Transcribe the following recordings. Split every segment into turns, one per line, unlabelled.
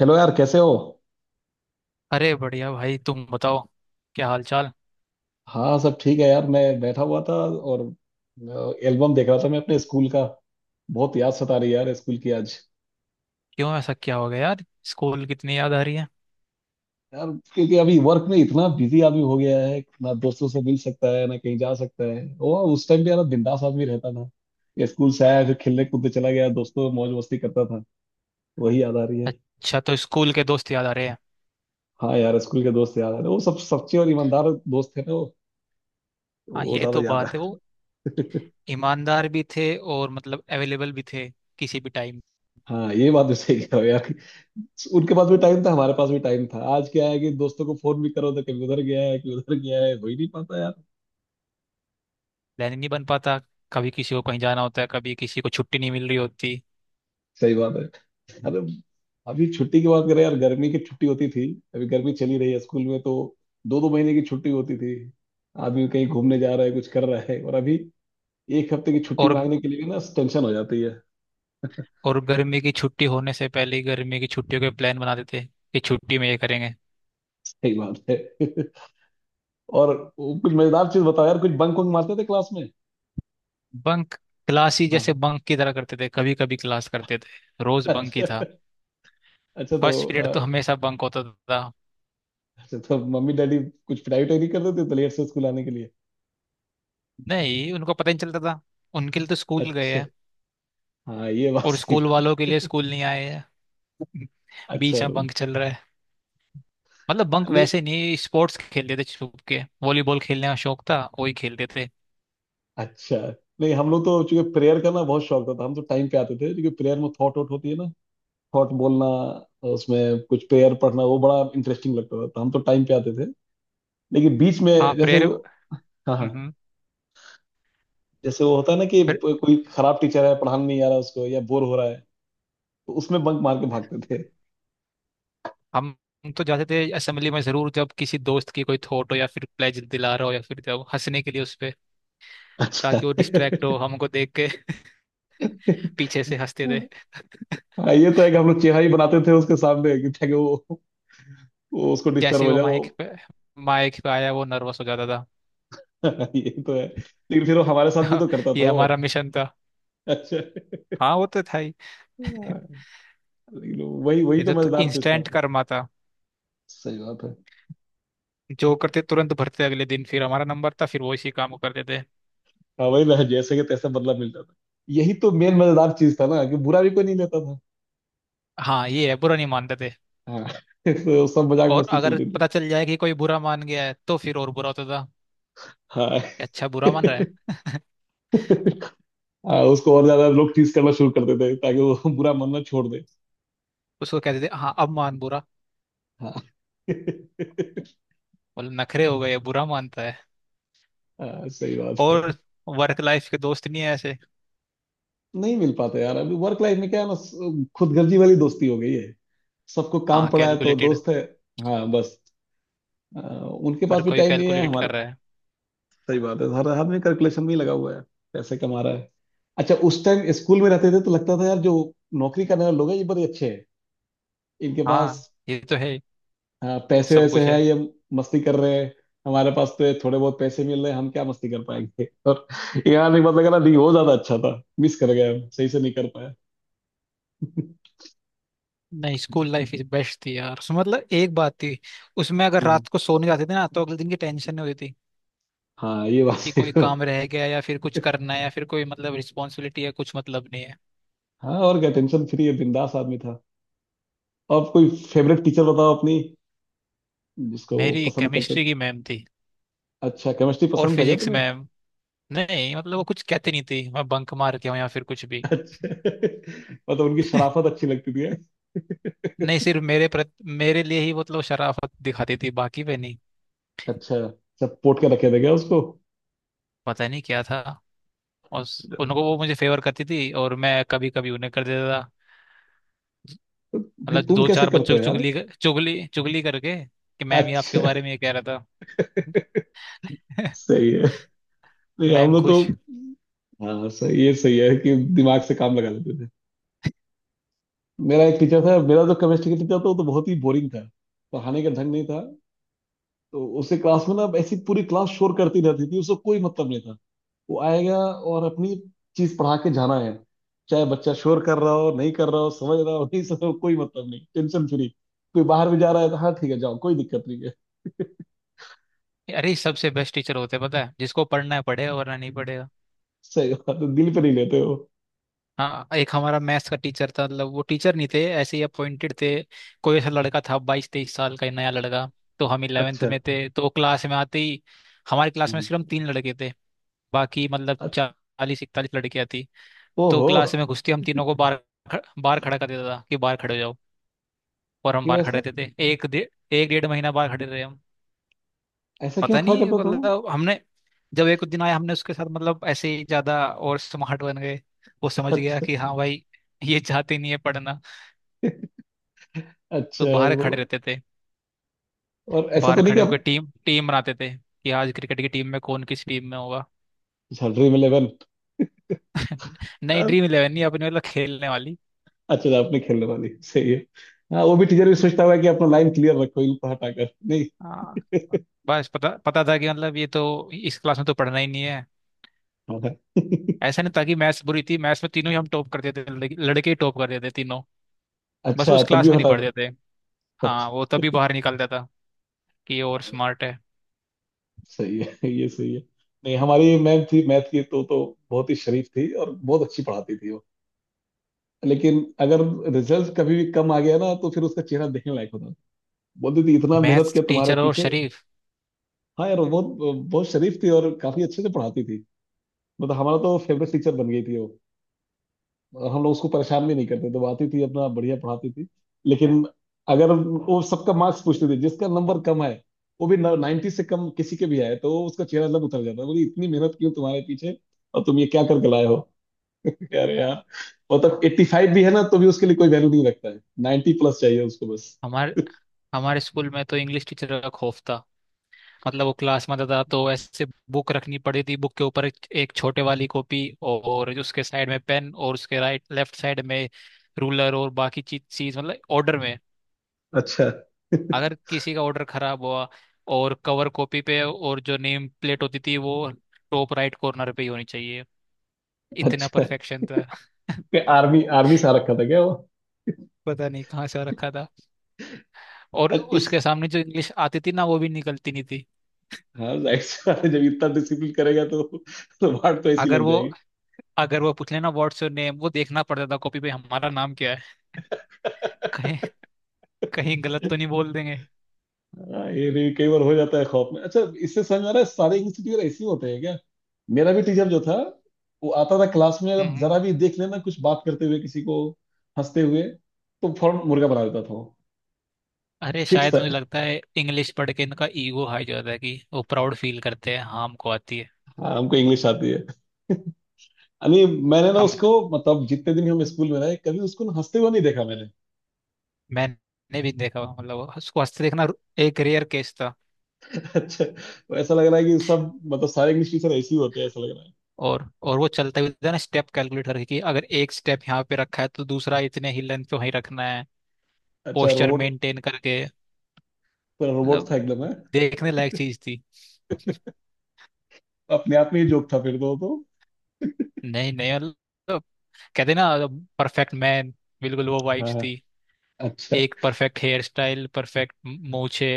Hello यार, कैसे हो?
अरे बढ़िया भाई, तुम बताओ। क्या हाल चाल।
हाँ, सब ठीक है यार। मैं बैठा हुआ था और एल्बम देख रहा था मैं अपने स्कूल का। बहुत याद सता रही है यार स्कूल की आज।
क्यों, ऐसा क्या हो गया यार। स्कूल कितनी याद आ रही है।
यार, क्योंकि अभी वर्क में इतना बिजी आदमी हो गया है, ना दोस्तों से मिल सकता है ना कहीं जा सकता है। वो उस टाइम पे यार बिंदास आदमी रहता था। ये स्कूल से आया फिर खेलने कूदने चला गया दोस्तों, मौज मस्ती करता था। वही याद आ रही है।
अच्छा तो स्कूल के दोस्त याद आ रहे हैं।
हाँ यार, स्कूल के दोस्त याद आ रहे हैं। वो सब सच्चे और ईमानदार दोस्त थे ना, वो
हाँ
वो
ये
ज्यादा
तो
याद है।
बात है। वो ईमानदार भी थे और मतलब अवेलेबल भी थे, किसी भी टाइम।
हाँ, ये बात तो सही कह रहे हो यार। उनके पास भी टाइम था, हमारे पास भी टाइम था। आज क्या है कि दोस्तों को फोन भी करो तो कभी उधर गया है कभी उधर गया है, हो ही नहीं पाता यार।
प्लान नहीं बन पाता। कभी किसी को कहीं जाना होता है, कभी किसी को छुट्टी नहीं मिल रही होती।
सही बात है। अरे, अभी छुट्टी की बात करें यार, गर्मी की छुट्टी होती थी। अभी गर्मी चली रही है स्कूल में तो। दो दो महीने की छुट्टी होती थी। आदमी कहीं घूमने जा रहा है कुछ कर रहा है, और अभी एक हफ्ते की छुट्टी
और
मांगने के लिए भी ना टेंशन हो जाती है।
और गर्मी की छुट्टी होने से पहले ही गर्मी की छुट्टियों के प्लान बना देते, कि छुट्टी में ये करेंगे।
सही बात है। और वो कुछ मजेदार चीज बताओ यार, कुछ बंक वंक मारते थे क्लास में?
बंक? क्लास ही
हाँ।
जैसे बंक की तरह करते थे, कभी कभी क्लास करते थे। रोज बंक ही
अच्छा।
था।
अच्छा तो
फर्स्ट पीरियड तो
अ,
हमेशा बंक होता था।
अच्छा तो मम्मी डैडी, कुछ पिटाई उटाई नहीं करते थे तो लेट से स्कूल आने के लिए?
नहीं, उनको पता ही नहीं चलता था। उनके लिए तो स्कूल गए
अच्छा।
हैं,
हाँ ये बात
और
सही।
स्कूल वालों के लिए स्कूल नहीं आए हैं,
अच्छा।
बीच में बंक चल रहा है। मतलब बंक
नहीं
वैसे नहीं, स्पोर्ट्स खेलते थे छुप के। वॉलीबॉल खेलने का शौक था, वही खेलते थे।
अच्छा नहीं, हम लोग तो चूंकि प्रेयर का ना बहुत शौक था तो हम तो टाइम पे आते थे क्योंकि प्रेयर में थॉट वॉट होती है ना, थॉट बोलना, उसमें कुछ प्रेयर पढ़ना वो बड़ा इंटरेस्टिंग लगता था तो हम तो टाइम पे आते थे। लेकिन बीच में
हाँ,
जैसे
प्रेयर।
हाँ हाँ,
हम्म।
जैसे वो होता है ना कि
फिर
कोई खराब टीचर है पढ़ाने नहीं आ रहा उसको या बोर हो रहा है, तो उसमें बंक मार के भागते थे।
हम हम तो जाते थे असेंबली में जरूर, जब किसी दोस्त की कोई थोट हो या फिर प्लेज दिला रहा हो, या फिर जब हंसने के लिए उस पे,
अच्छा।
ताकि वो डिस्ट्रैक्ट हो हमको देख के। पीछे से हंसते थे।
हाँ ये तो है कि हम लोग चेहरा ही बनाते थे उसके सामने कि ताकि वो उसको डिस्टर्ब
जैसे ही
हो
वो
जाए वो।
माइक पे आया, वो नर्वस हो जाता।
ये तो है, लेकिन फिर वो हमारे साथ भी
था।
तो करता
ये
था वो।
हमारा मिशन था।
अच्छा।
हाँ वो तो था ही।
हाँ। लेकिन वही वही तो
इधर तो
मजेदार चीज था।
इंस्टेंट कर्मा था।
सही बात है।
जो करते तुरंत भरते, अगले दिन फिर हमारा नंबर था, फिर वो इसी काम को करते थे।
हाँ वही ना, जैसे कि तैसे बदला मिलता था। यही तो मेन मजेदार चीज था ना, कि बुरा भी कोई नहीं लेता था।
हाँ ये है, बुरा नहीं मानते थे।
हाँ। तो सब मजाक
और
मस्ती चल
अगर
रही थी।
पता चल जाए कि कोई बुरा मान गया है, तो फिर और बुरा होता था,
हाँ।
कि अच्छा बुरा मान रहा है।
हाँ, उसको और ज्यादा लोग टीज करना शुरू कर देते ताकि वो बुरा मानना छोड़ दे।
उसको कहते थे, हाँ अब मान बुरा।
हाँ।
बोले नखरे हो गए, बुरा मानता है।
हाँ, सही बात है।
और वर्क लाइफ के दोस्त नहीं है ऐसे।
नहीं मिल पाते यार, अभी वर्क लाइफ में क्या है ना, खुदगर्जी वाली दोस्ती हो गई है। सबको काम
हाँ,
पड़ा है तो
कैलकुलेटेड।
दोस्त है। हाँ बस। अ, उनके
हर
पास भी
कोई
टाइम नहीं है
कैलकुलेट
हमारे।
कर रहा है।
सही बात है, हर आदमी कैलकुलेशन में ही लगा हुआ है, पैसे कमा रहा है। अच्छा, उस टाइम स्कूल में रहते थे तो लगता था यार, जो नौकरी करने वाले लोग हैं ये बड़े अच्छे हैं, इनके पास।
हाँ ये तो है ही,
हाँ, पैसे
सब
वैसे
कुछ
है
है।
ये, मस्ती कर रहे हैं। हमारे पास तो ये थोड़े बहुत पैसे मिल रहे हैं, हम क्या मस्ती कर पाएंगे। और यार एक बात लगा ना, नहीं वो ज्यादा अच्छा था, मिस कर गया हम, सही से नहीं कर पाया।
नहीं, स्कूल लाइफ इज बेस्ट थी यार। उसमें मतलब एक बात थी, उसमें अगर
हम्म।
रात को सोने जाते थे ना, तो अगले दिन की टेंशन नहीं होती थी,
हाँ ये बात
कि
है।
कोई काम रह गया, या फिर कुछ करना है, या फिर कोई मतलब रिस्पॉन्सिबिलिटी है, कुछ मतलब नहीं है।
हाँ, और क्या, टेंशन फ्री है बिंदास आदमी था। और कोई फेवरेट टीचर बताओ अपनी, जिसको वो
मेरी
पसंद करते
केमिस्ट्री
थे।
की मैम थी,
अच्छा, केमिस्ट्री
और
पसंद था क्या
फिजिक्स
तुम्हें?
मैम। नहीं मतलब वो कुछ कहती नहीं थी मैं बंक मार के हूँ या फिर कुछ भी।
अच्छा। मतलब उनकी शराफत अच्छी लगती थी है?
नहीं, सिर्फ मेरे प्रति, मेरे लिए ही मतलब शराफत दिखाती थी, बाकी पे नहीं।
अच्छा, सब पोट के रखे थे क्या उसको?
पता नहीं क्या था। और उनको, वो मुझे फेवर करती थी और मैं कभी कभी उन्हें कर देता था।
भाई
मतलब
तुम
दो
कैसे
चार बच्चों
करते
की
हो यार?
चुगली चुगली चुगली करके, कि मैम ये आपके
अच्छा।
बारे में ये कह रहा था।
सही है। नहीं हम
मैम
लोग तो।
खुश।
हाँ सही, ये सही है कि दिमाग से काम लगा लेते थे। मेरा एक टीचर था मेरा, जो केमिस्ट्री का टीचर था वो तो बहुत ही बोरिंग था, पढ़ाने का ढंग नहीं था। तो उससे क्लास में ना ऐसी पूरी क्लास शोर करती रहती थी, उसको कोई मतलब नहीं था। वो आएगा और अपनी चीज पढ़ा के जाना है, चाहे बच्चा शोर कर रहा हो नहीं कर रहा हो, समझ रहा हो नहीं समझ रहा हो, कोई मतलब नहीं, टेंशन फ्री। कोई बाहर भी जा रहा है तो हाँ ठीक है जाओ, कोई दिक्कत नहीं है।
अरे सबसे बेस्ट टीचर होते हैं पता है, जिसको पढ़ना है पढ़ेगा, वरना नहीं पढ़ेगा।
सही बात है, दिल पे नहीं लेते हो।
हाँ, एक हमारा मैथ्स का टीचर था, मतलब वो टीचर नहीं थे, ऐसे ही अपॉइंटेड थे। कोई ऐसा लड़का था 22-23 साल का, नया लड़का। तो हम 11th
अच्छा।
में थे, तो वो क्लास में आते ही, हमारी क्लास में
हम्म।
सिर्फ हम तीन लड़के थे, बाकी मतलब
अच्छा।
40-41 लड़कियां थी। तो
ओहो।
क्लास में घुसते ही हम तीनों को बाहर, बाहर खड़ा कर देता था, कि बाहर खड़े हो। और हम
क्यों
बाहर खड़े
ऐसा?
रहते थे एक डे, एक डेढ़ महीना बाहर खड़े रहे हम।
ऐसा क्यों
पता
खड़ा
नहीं,
करता था वो?
मतलब हमने जब एक दिन आया, हमने उसके साथ मतलब ऐसे ही ज्यादा और स्मार्ट बन गए। वो समझ गया
अच्छा।
कि हाँ भाई, ये चाहते नहीं है पढ़ना।
अच्छा।
तो बाहर
वो,
खड़े रहते थे।
और ऐसा
बाहर
तो नहीं कि
खड़े होकर
आप।
टीम टीम बनाते थे कि आज क्रिकेट की टीम में कौन किस टीम में होगा।
अच्छा, ड्रीम इलेवन।
नई, ड्रीम इलेवन नहीं, अपनी मतलब खेलने वाली।
अच्छा, आपने खेलने वाली, सही है। हाँ वो भी, टीचर भी सोचता होगा कि अपना लाइन क्लियर रखो, इनको हटाकर नहीं।
हाँ बस पता पता था कि मतलब ये तो, इस क्लास में तो पढ़ना ही नहीं है।
हाँ।
ऐसा नहीं था कि मैथ्स बुरी थी, मैथ्स में तीनों ही हम टॉप करते थे, लड़के लड़के ही टॉप करते थे तीनों, बस
अच्छा
उस
तब
क्लास
भी
में नहीं
हटा।
पढ़ते थे। हाँ वो
अच्छा।
तभी बाहर निकलता था, कि ये और स्मार्ट है।
सही है। ये सही है। नहीं, हमारी मैम थी मैथ की, तो बहुत ही शरीफ थी और बहुत अच्छी पढ़ाती थी वो। लेकिन अगर रिजल्ट कभी भी कम आ गया ना तो फिर उसका चेहरा देखने लायक होता था। बोलती थी, इतना मेहनत
मैथ्स
किया तुम्हारे
टीचर और
पीछे।
शरीफ?
हाँ यार, वो बहुत बहुत शरीफ थी और काफी अच्छे से पढ़ाती थी। मतलब हमारा तो फेवरेट टीचर बन गई थी वो। और हम लोग उसको परेशान भी नहीं करते, दबाती थी अपना, बढ़िया पढ़ाती थी। लेकिन अगर वो सबका मार्क्स पूछते थे, जिसका नंबर कम है वो भी, 90 से कम किसी के भी आए तो उसका चेहरा लब उतर जाता है, बोली इतनी मेहनत क्यों तुम्हारे पीछे, और तुम ये क्या करके लाए हो? अरे यार। मतलब 85 भी है ना तो भी उसके लिए कोई वैल्यू नहीं रखता है, 90+ चाहिए उसको बस।
हमारे हमारे स्कूल में तो इंग्लिश टीचर का खौफ था। मतलब वो क्लास में आता था तो ऐसे बुक रखनी पड़ी थी, बुक के ऊपर एक एक छोटे वाली कॉपी, और उसके साइड में पेन, और उसके राइट लेफ्ट साइड में रूलर और बाकी चीज चीज, मतलब ऑर्डर में।
अच्छा।
अगर किसी का ऑर्डर खराब हुआ। और कवर कॉपी पे, और जो नेम प्लेट होती थी वो टॉप राइट कॉर्नर पे ही होनी चाहिए, इतना
अच्छा,
परफेक्शन था।
क्या आर्मी आर्मी सा रखा था क्या वो?
पता नहीं कहाँ से रखा था। और
अच्छा, इस।
उसके सामने जो इंग्लिश आती थी ना, वो भी निकलती नहीं थी।
हाँ। जाहिर सी बात है, जब इतना डिसिप्लिन करेगा तो वाट तो ऐसी
अगर
लग
वो
जाएगी।
अगर वो पूछ लेना व्हाट्स योर नेम, वो देखना पड़ता था कॉपी पे हमारा नाम क्या है। कहीं कहीं गलत तो नहीं बोल देंगे।
हाँ, ये भी कई बार हो जाता है खौफ में। अच्छा, इससे समझ आ रहा है सारे इंग्लिश टीचर ऐसे ही होते हैं क्या? मेरा भी टीचर जो था, वो आता था क्लास में, अगर
हम्म।
जरा भी देख लेना कुछ बात करते हुए किसी को, हंसते हुए, तो फौरन मुर्गा बना देता था वो,
अरे
फिक्स
शायद
था।
मुझे लगता है इंग्लिश पढ़ के इनका ईगो हाई हो जाता है, कि वो प्राउड फील करते हैं, हाँ हमको आती है।
हाँ, हमको इंग्लिश आती है यानी। मैंने ना
हम।
उसको मतलब, जितने दिन हम स्कूल में रहे, कभी उसको ना हंसते हुए नहीं देखा मैंने।
मैंने भी देखा हुआ, मतलब उसको हंसते देखना एक रेयर केस था।
अच्छा, तो ऐसा लग रहा है कि सब मतलब सारे इंग्लिश टीचर ऐसे ही होते हैं, ऐसा लग रहा है।
और वो चलता भी था ना स्टेप कैलकुलेट करके, कि अगर एक स्टेप यहाँ पे रखा है तो दूसरा इतने ही लेंथ पे वहीं रखना है,
अच्छा,
पोस्चर
रोबोट।
मेंटेन करके।
रोबोट
मतलब
था एकदम है,
देखने लायक चीज थी।
अपने आप में ही जोक था फिर तो, वो तो।
नहीं नहीं, मतलब कहते ना, परफेक्ट मैन, बिल्कुल वो
हाँ
वाइब्स
हाँ,
थी।
अच्छा।
एक परफेक्ट हेयर स्टाइल, परफेक्ट मूछे,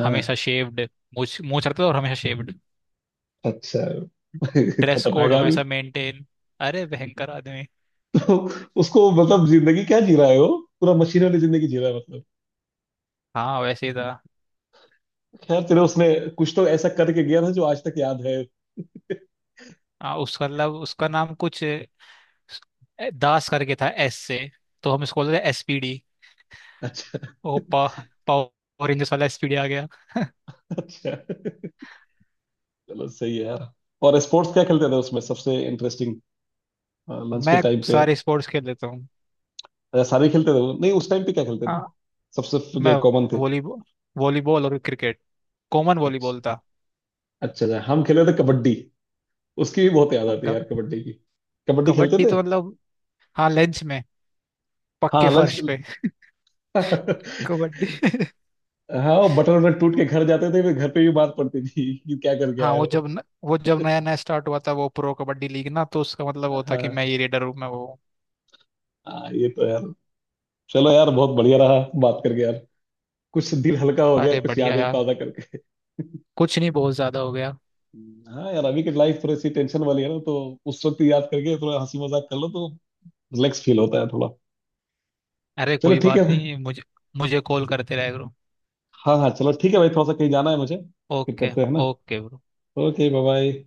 हाँ।
हमेशा शेव्ड। मूछ मूछ रखता था, और हमेशा शेव्ड।
अच्छा।
ड्रेस
खतरनाक
कोड
आदमी।
हमेशा मेंटेन। अरे भयंकर आदमी।
तो उसको मतलब, जिंदगी क्या जी रहा है वो, पूरा मशीन वाली जिंदगी जी रहा है मतलब।
हाँ वैसे ही था।
खैर चलो, उसने कुछ तो ऐसा करके गया था जो आज तक याद है।
हाँ उसका, मतलब उसका नाम कुछ दास करके था, एस से। तो हम इसको बोलते थे एसपीडी।
अच्छा।
ओ पा, पावर रेंजर्स वाला एसपीडी आ गया।
अच्छा। चलो सही है यार। और स्पोर्ट्स क्या खेलते थे उसमें सबसे इंटरेस्टिंग, लंच के
मैं
टाइम पे?
सारे स्पोर्ट्स खेल लेता हूँ।
अच्छा, सारे खेलते थे वो, नहीं उस टाइम पे क्या खेलते
हाँ,
थे सबसे,
मैं
जो कॉमन थे?
वॉलीबॉल, वॉलीबॉल और क्रिकेट, कॉमन
अच्छा।
वॉलीबॉल था।
अच्छा, अच्छा, हम खेले थे कबड्डी, उसकी भी बहुत याद आती है
क-
यार कबड्डी की, कबड्डी खेलते
कबड्डी
थे।
तो मतलब, हाँ लंच में, पक्के
हाँ,
फर्श पे
लंच।
कबड्डी।
हाँ, वो बटन वटन टूट के घर जाते थे, फिर घर पे भी बात पड़ती थी कि क्या करके
हाँ
आए
वो
हो।
जब न, वो जब नया नया स्टार्ट हुआ था वो प्रो कबड्डी लीग ना, तो उसका मतलब वो था कि
हाँ।
मैं ये रेडर हूँ मैं वो हूँ।
हाँ ये तो यार, चलो यार, बहुत बढ़िया रहा बात करके यार। कुछ दिल हल्का हो गया,
अरे
कुछ
बढ़िया
यादें
यार।
ताज़ा करके।
कुछ नहीं, बहुत ज्यादा हो गया।
हाँ यार, अभी की लाइफ थोड़ी सी टेंशन वाली है ना, तो उस वक्त याद करके थोड़ा हंसी मजाक कर लो तो रिलैक्स फील होता है थोड़ा।
अरे
चलो
कोई
ठीक है
बात
भाई।
नहीं। मुझे मुझे कॉल करते रह करो।
हाँ हाँ, चलो ठीक है भाई, थोड़ा सा कहीं जाना है मुझे। फिर
ओके।
करते हैं ना।
Okay bro.
Okay. Bye bye.